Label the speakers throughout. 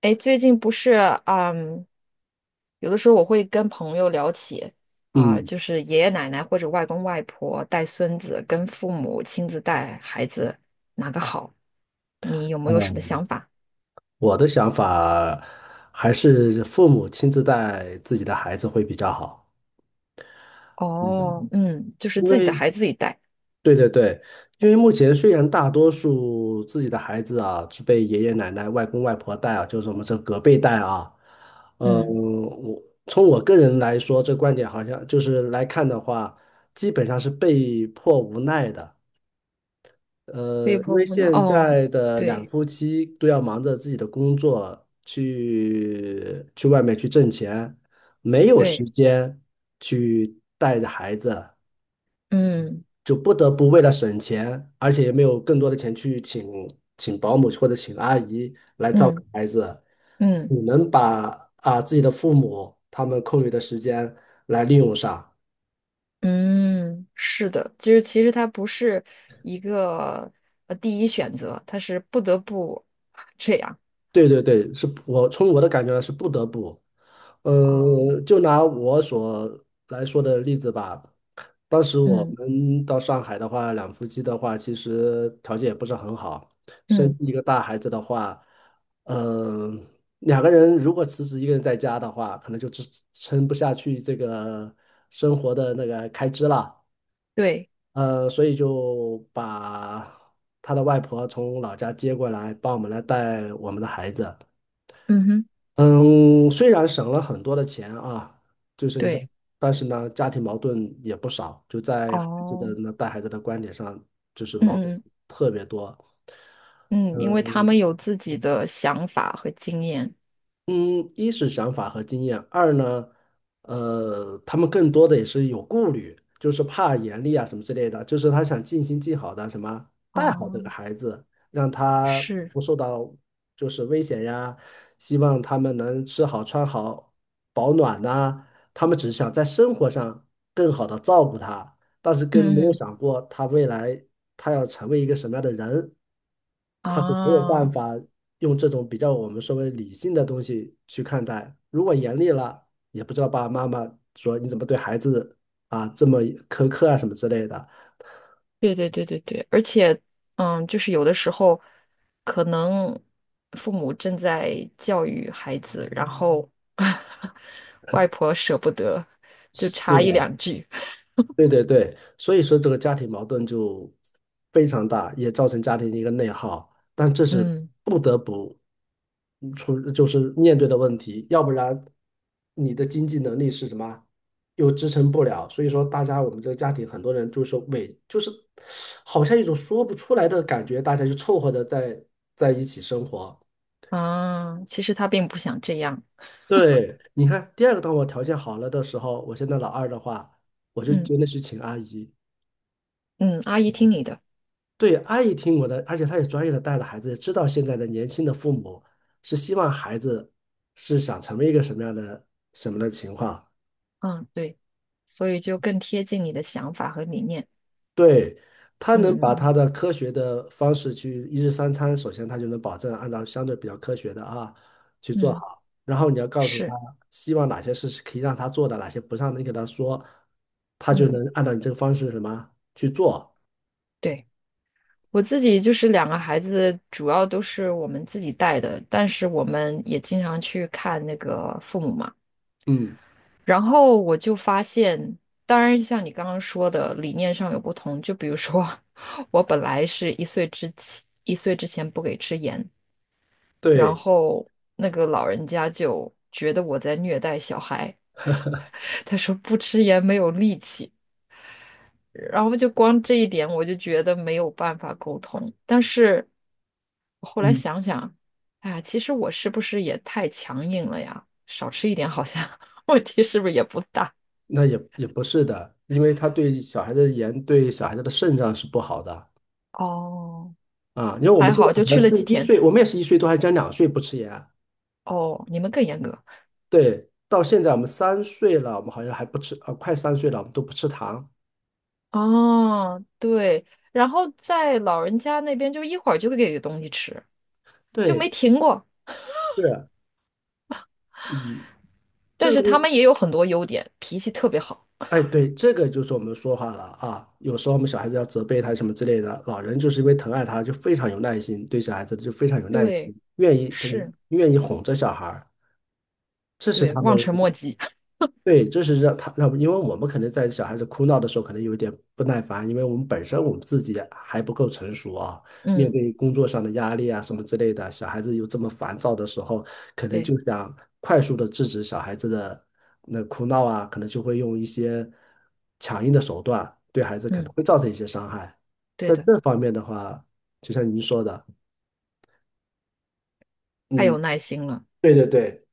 Speaker 1: 哎，最近不是，嗯，有的时候我会跟朋友聊起啊，
Speaker 2: 嗯
Speaker 1: 就是爷爷奶奶或者外公外婆带孙子，跟父母亲自带孩子，哪个好？你有没有什
Speaker 2: 嗯，
Speaker 1: 么想法？
Speaker 2: 我的想法还是父母亲自带自己的孩子会比较好。
Speaker 1: 哦，
Speaker 2: 嗯，
Speaker 1: 嗯，就是
Speaker 2: 因
Speaker 1: 自己的
Speaker 2: 为
Speaker 1: 孩子自己带，
Speaker 2: 对对对，因为目前虽然大多数自己的孩子啊是被爷爷奶奶、外公外婆带啊，就是我们这隔辈带啊，嗯，
Speaker 1: 嗯，
Speaker 2: 我从我个人来说，这观点好像就是来看的话，基本上是被迫无奈的。
Speaker 1: 被
Speaker 2: 因
Speaker 1: 迫
Speaker 2: 为
Speaker 1: 无奈，
Speaker 2: 现
Speaker 1: 哦，
Speaker 2: 在的两
Speaker 1: 对
Speaker 2: 夫妻都要忙着自己的工作，去外面去挣钱，没有时
Speaker 1: 对，
Speaker 2: 间去带着孩子，
Speaker 1: 嗯
Speaker 2: 就不得不为了省钱，而且也没有更多的钱去请保姆或者请阿姨来照顾
Speaker 1: 嗯
Speaker 2: 孩子，
Speaker 1: 嗯
Speaker 2: 你能把啊自己的父母他们空余的时间来利用上。
Speaker 1: 嗯，是的，就是其实他不是一个第一选择，他是不得不 这样。
Speaker 2: 对对对，是我从我的感觉呢是不得不。
Speaker 1: 哦，
Speaker 2: 嗯，就拿我所来说的例子吧，当时我
Speaker 1: 嗯
Speaker 2: 们到上海的话，两夫妻的话，其实条件也不是很好，生
Speaker 1: 嗯，
Speaker 2: 一个大孩子的话，嗯，两个人如果辞职一个人在家的话，可能就支撑不下去这个生活的那个开支了，
Speaker 1: 对，
Speaker 2: 所以就把他的外婆从老家接过来，帮我们来带我们的孩子。
Speaker 1: 嗯哼，
Speaker 2: 嗯，虽然省了很多的钱啊，就是你像，
Speaker 1: 对，
Speaker 2: 但是呢，家庭矛盾也不少，就在孩子的
Speaker 1: 哦，
Speaker 2: 那带孩子的观点上，就是
Speaker 1: 嗯
Speaker 2: 矛盾
Speaker 1: 嗯
Speaker 2: 特别多。
Speaker 1: 嗯，因为他
Speaker 2: 嗯
Speaker 1: 们有自己的想法和经验。
Speaker 2: 嗯，一是想法和经验，二呢，他们更多的也是有顾虑，就是怕严厉啊什么之类的，就是他想尽心尽好的什么带好这个
Speaker 1: 哦，
Speaker 2: 孩子，让他
Speaker 1: 是，
Speaker 2: 不受到就是危险呀，希望他们能吃好穿好保暖呐、他们只是想在生活上更好的照顾他，但是跟
Speaker 1: 嗯
Speaker 2: 没有
Speaker 1: 嗯
Speaker 2: 想过他未来他要成为一个什么样的人，他是没有
Speaker 1: 啊，
Speaker 2: 办法用这种比较我们所谓理性的东西去看待。如果严厉了，也不知道爸爸妈妈说你怎么对孩子啊这么苛刻啊什么之类的。
Speaker 1: 对对对对对，而且，就是有的时候，可能父母正在教育孩子，然后 外婆舍不得，就
Speaker 2: 是
Speaker 1: 插
Speaker 2: 的，
Speaker 1: 一两句。
Speaker 2: 对对对，所以说这个家庭矛盾就非常大，也造成家庭的一个内耗，但这是
Speaker 1: 嗯
Speaker 2: 不得不出，就是面对的问题，要不然你的经济能力是什么，又支撑不了，所以说大家我们这个家庭很多人就是说，委，就是好像一种说不出来的感觉，大家就凑合着在一起生活。
Speaker 1: 啊，其实他并不想这样。
Speaker 2: 对，你看第二个，当我条件好了的时候，我现在老二的话，我就
Speaker 1: 嗯
Speaker 2: 真的去请阿姨。
Speaker 1: 嗯，阿姨听你的。
Speaker 2: 对，阿姨听我的，而且她也专业的带了孩子，也知道现在的年轻的父母是希望孩子是想成为一个什么样的什么的情况。
Speaker 1: 嗯，对，所以就更贴近你的想法和理念。
Speaker 2: 对，她
Speaker 1: 嗯
Speaker 2: 能把
Speaker 1: 嗯
Speaker 2: 她的科学的方式去一日三餐，首先她就能保证按照相对比较科学的啊去做
Speaker 1: 嗯，嗯
Speaker 2: 好，然后你要告诉她
Speaker 1: 是，
Speaker 2: 希望哪些事是可以让她做的，哪些不让你给她说，她就能
Speaker 1: 嗯，
Speaker 2: 按照你这个方式什么去做。
Speaker 1: 对，我自己就是两个孩子，主要都是我们自己带的，但是我们也经常去看那个父母嘛。
Speaker 2: 嗯，
Speaker 1: 然后我就发现，当然像你刚刚说的，理念上有不同。就比如说，我本来是1岁之前，1岁之前不给吃盐，然
Speaker 2: 对。
Speaker 1: 后那个老人家就觉得我在虐待小孩。他说不吃盐没有力气，然后就光这一点我就觉得没有办法沟通。但是我后来
Speaker 2: 嗯。
Speaker 1: 想想，哎呀，其实我是不是也太强硬了呀？少吃一点好像 问题是不是也不大？
Speaker 2: 那也不是的，因为它对小孩的盐对小孩子的肾脏是不好的
Speaker 1: 哦，
Speaker 2: 啊。因为我们
Speaker 1: 还
Speaker 2: 现在
Speaker 1: 好
Speaker 2: 可
Speaker 1: 就去
Speaker 2: 能
Speaker 1: 了几
Speaker 2: 是一
Speaker 1: 天。
Speaker 2: 岁，我们也是一岁多，还将两岁不吃盐。
Speaker 1: 哦，你们更严格。
Speaker 2: 对，到现在我们三岁了，我们好像还不吃，啊，快三岁了，我们都不吃糖。
Speaker 1: 哦，对，然后在老人家那边就一会儿就给东西吃，就没
Speaker 2: 对，
Speaker 1: 停过。
Speaker 2: 是，嗯，
Speaker 1: 但
Speaker 2: 这个
Speaker 1: 是
Speaker 2: 东
Speaker 1: 他们
Speaker 2: 西，
Speaker 1: 也有很多优点，脾气特别好。
Speaker 2: 哎，对，这个就是我们说话了啊。有时候我们小孩子要责备他什么之类的，老人就是因为疼爱他，就非常有耐心，对小孩子就非常有耐心，
Speaker 1: 对，
Speaker 2: 愿意他
Speaker 1: 是，
Speaker 2: 愿意哄着小孩儿，这是
Speaker 1: 对，
Speaker 2: 他们。
Speaker 1: 望尘莫及。
Speaker 2: 对，这是让他让，因为我们可能在小孩子哭闹的时候，可能有一点不耐烦，因为我们本身我们自己还不够成熟啊，面
Speaker 1: 嗯，
Speaker 2: 对工作上的压力啊什么之类的，小孩子有这么烦躁的时候，可能
Speaker 1: 对，
Speaker 2: 就想快速的制止小孩子的那哭闹啊，可能就会用一些强硬的手段，对孩子可能
Speaker 1: 嗯，
Speaker 2: 会造成一些伤害。
Speaker 1: 对
Speaker 2: 在
Speaker 1: 的，
Speaker 2: 这方面的话，就像您说的，
Speaker 1: 太
Speaker 2: 嗯，
Speaker 1: 有耐心了，
Speaker 2: 对对对，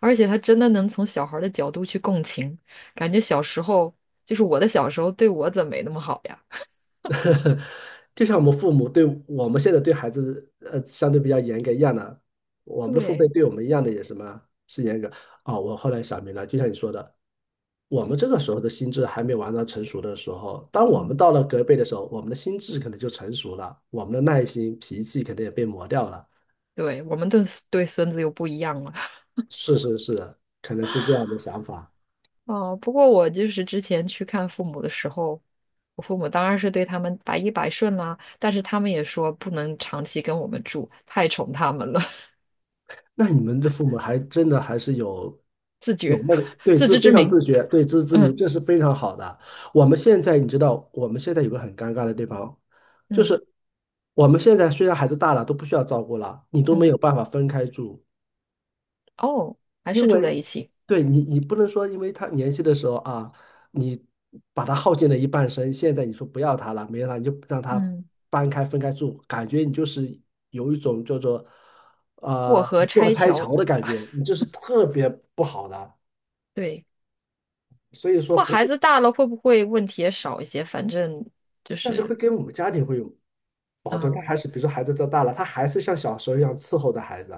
Speaker 1: 而且他真的能从小孩儿的角度去共情，感觉小时候就是我的小时候对我怎么没那么好呀？
Speaker 2: 就像我们父母对我们现在对孩子，相对比较严格一样的，我们的父辈
Speaker 1: 对，
Speaker 2: 对我们一样的也什么是严格。哦，我后来想明白，就像你说的，我们这个时候的心智还没完全成熟的时候，当我们
Speaker 1: 嗯，
Speaker 2: 到了隔辈的时候，我们的心智可能就成熟了，我们的耐心、脾气可能也被磨掉了。
Speaker 1: 对，我们对孙子又不一样了。
Speaker 2: 是是是，可能是这样的想法。
Speaker 1: 哦，不过我就是之前去看父母的时候，我父母当然是对他们百依百顺啦，但是他们也说不能长期跟我们住，太宠他们了，
Speaker 2: 那你们的父母还真的还是有那个对
Speaker 1: 自
Speaker 2: 自
Speaker 1: 知
Speaker 2: 非
Speaker 1: 之
Speaker 2: 常
Speaker 1: 明。
Speaker 2: 自觉，对自知之明，
Speaker 1: 嗯
Speaker 2: 这是非常好的。我们现在你知道，我们现在有个很尴尬的地方，就
Speaker 1: 嗯
Speaker 2: 是我们现在虽然孩子大了，都不需要照顾了，你都没
Speaker 1: 嗯，
Speaker 2: 有办法分开住。
Speaker 1: 哦，还
Speaker 2: 因
Speaker 1: 是住在
Speaker 2: 为
Speaker 1: 一起。
Speaker 2: 对你，你不能说因为他年轻的时候啊，你把他耗尽了一半生，现在你说不要他了，没有他，你就让他
Speaker 1: 嗯，
Speaker 2: 搬开分开住，感觉你就是有一种叫做
Speaker 1: 过
Speaker 2: 呃
Speaker 1: 河
Speaker 2: 过河
Speaker 1: 拆
Speaker 2: 拆
Speaker 1: 桥。
Speaker 2: 桥的感觉，你就是特别不好的。
Speaker 1: 对，
Speaker 2: 所以说
Speaker 1: 不过
Speaker 2: 不
Speaker 1: 孩
Speaker 2: 会，
Speaker 1: 子大了会不会问题也少一些？反正就
Speaker 2: 但是会
Speaker 1: 是，
Speaker 2: 跟我们家庭会有矛盾。他
Speaker 1: 嗯，
Speaker 2: 还是比如说孩子长大了，他还是像小时候一样伺候着孩子，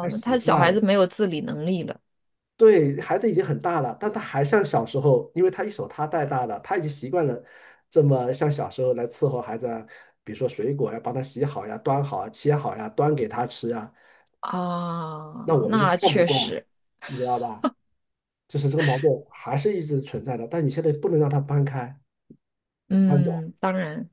Speaker 2: 他
Speaker 1: 那
Speaker 2: 习
Speaker 1: 他小
Speaker 2: 惯
Speaker 1: 孩
Speaker 2: 了。
Speaker 1: 子没有自理能力了
Speaker 2: 对，孩子已经很大了，但他还像小时候，因为他一手他带大的，他已经习惯了这么像小时候来伺候孩子啊，比如说水果呀，帮他洗好呀、端好啊、切好呀、端给他吃呀，
Speaker 1: 啊，
Speaker 2: 那我们就
Speaker 1: 那
Speaker 2: 看不
Speaker 1: 确
Speaker 2: 惯，
Speaker 1: 实，
Speaker 2: 你知道吧？就是这个矛盾还是一直存在的，但你现在不能让他搬开、搬走，
Speaker 1: 嗯，当然，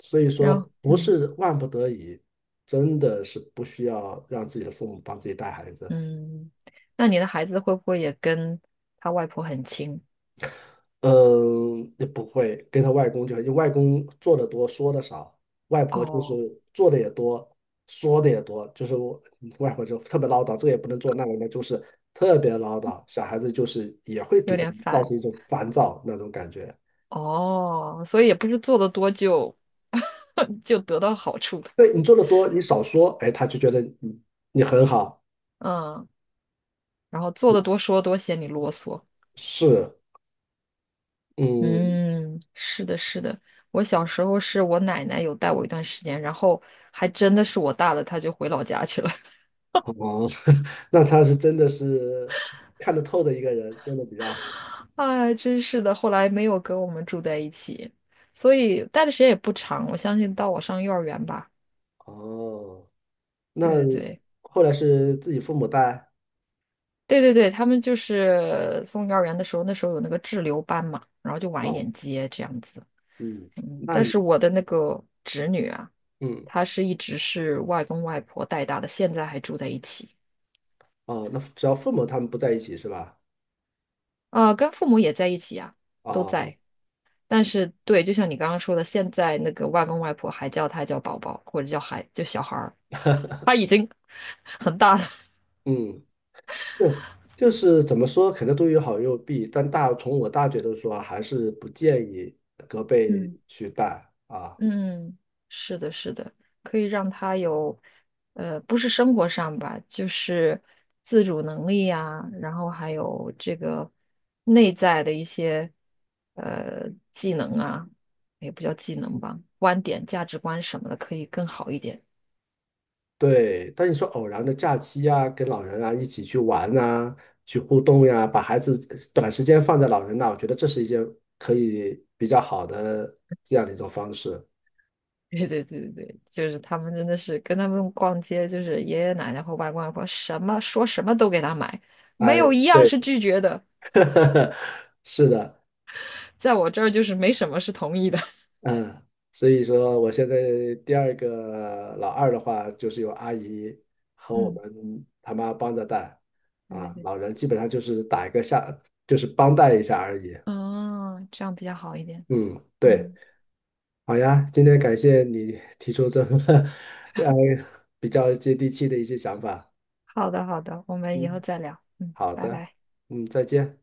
Speaker 2: 所以说
Speaker 1: 然后，
Speaker 2: 不
Speaker 1: 嗯
Speaker 2: 是万不得已，真的是不需要让自己的父母帮自己带孩子。
Speaker 1: 嗯，那你的孩子会不会也跟他外婆很亲？
Speaker 2: 嗯，也不会跟他外公就，因为外公做的多，说的少，外婆就是
Speaker 1: 哦，
Speaker 2: 做的也多，说的也多，就是我嗯外婆就特别唠叨，这个也不能做，那个呢就是特别唠叨，小孩子就是也会给
Speaker 1: 有
Speaker 2: 人
Speaker 1: 点
Speaker 2: 造
Speaker 1: 反，
Speaker 2: 成一种烦躁那种感觉。
Speaker 1: 哦，所以也不是做的多就 就得到好处的，
Speaker 2: 对你做的多，你少说，哎，他就觉得你你很好，
Speaker 1: 嗯，然后做
Speaker 2: 嗯，
Speaker 1: 的多说多嫌你啰嗦，
Speaker 2: 是，嗯，
Speaker 1: 嗯，是的，是的。我小时候是我奶奶有带我一段时间，然后还真的是我大了，她就回老家去了。
Speaker 2: 哦，那他是真的是看得透的一个人，真的比较好，
Speaker 1: 哎，真是的，后来没有跟我们住在一起，所以待的时间也不长。我相信到我上幼儿园吧。
Speaker 2: 哦。那
Speaker 1: 对对对，
Speaker 2: 后来是自己父母带
Speaker 1: 对对对，他们就是送幼儿园的时候，那时候有那个滞留班嘛，然后就晚一
Speaker 2: 哦，
Speaker 1: 点接这样子。
Speaker 2: 嗯，
Speaker 1: 嗯，
Speaker 2: 那
Speaker 1: 但
Speaker 2: 你
Speaker 1: 是我的那个侄女啊，
Speaker 2: 嗯
Speaker 1: 她是一直是外公外婆带大的，现在还住在一起。
Speaker 2: 哦，那只要父母他们不在一起是吧？
Speaker 1: 啊，跟父母也在一起呀、都
Speaker 2: 哦，
Speaker 1: 在。但是，对，就像你刚刚说的，现在那个外公外婆还叫他叫宝宝，或者叫孩，就小孩儿，他已经 很大了。
Speaker 2: 嗯，对，就是怎么说，可能都有好有弊，但大从我大觉得说，还是不建议隔辈
Speaker 1: 嗯
Speaker 2: 去带啊。
Speaker 1: 嗯，是的，是的，可以让他有，不是生活上吧，就是自主能力呀、然后还有这个内在的一些呃技能啊，也不叫技能吧，观点、价值观什么的，可以更好一点。
Speaker 2: 对，但你说偶然的假期呀、跟老人啊一起去玩啊，去互动呀、把孩子短时间放在老人那，我觉得这是一件可以比较好的这样的一种方式。
Speaker 1: 对对对对对，就是他们真的是跟他们逛街，就是爷爷奶奶或外公外婆什么说什么都给他买，没
Speaker 2: 哎，
Speaker 1: 有一样
Speaker 2: 对。
Speaker 1: 是拒绝的，
Speaker 2: 是的，
Speaker 1: 在我这儿就是没什么是同意的。
Speaker 2: 嗯，所以说我现在第二个老二的话，就是有阿姨 和我
Speaker 1: 嗯，
Speaker 2: 们他妈帮着带，
Speaker 1: 对对
Speaker 2: 啊，
Speaker 1: 对，
Speaker 2: 老人基本上就是打一个下，就是帮带一下而已。
Speaker 1: 哦，这样比较好一点。
Speaker 2: 嗯，对，
Speaker 1: 嗯，
Speaker 2: 好呀，今天感谢你提出这么 呃比较接地气的一些想法。
Speaker 1: 好的好的，我们以后
Speaker 2: 嗯，
Speaker 1: 再聊。嗯，
Speaker 2: 好
Speaker 1: 拜
Speaker 2: 的，
Speaker 1: 拜。
Speaker 2: 嗯，再见。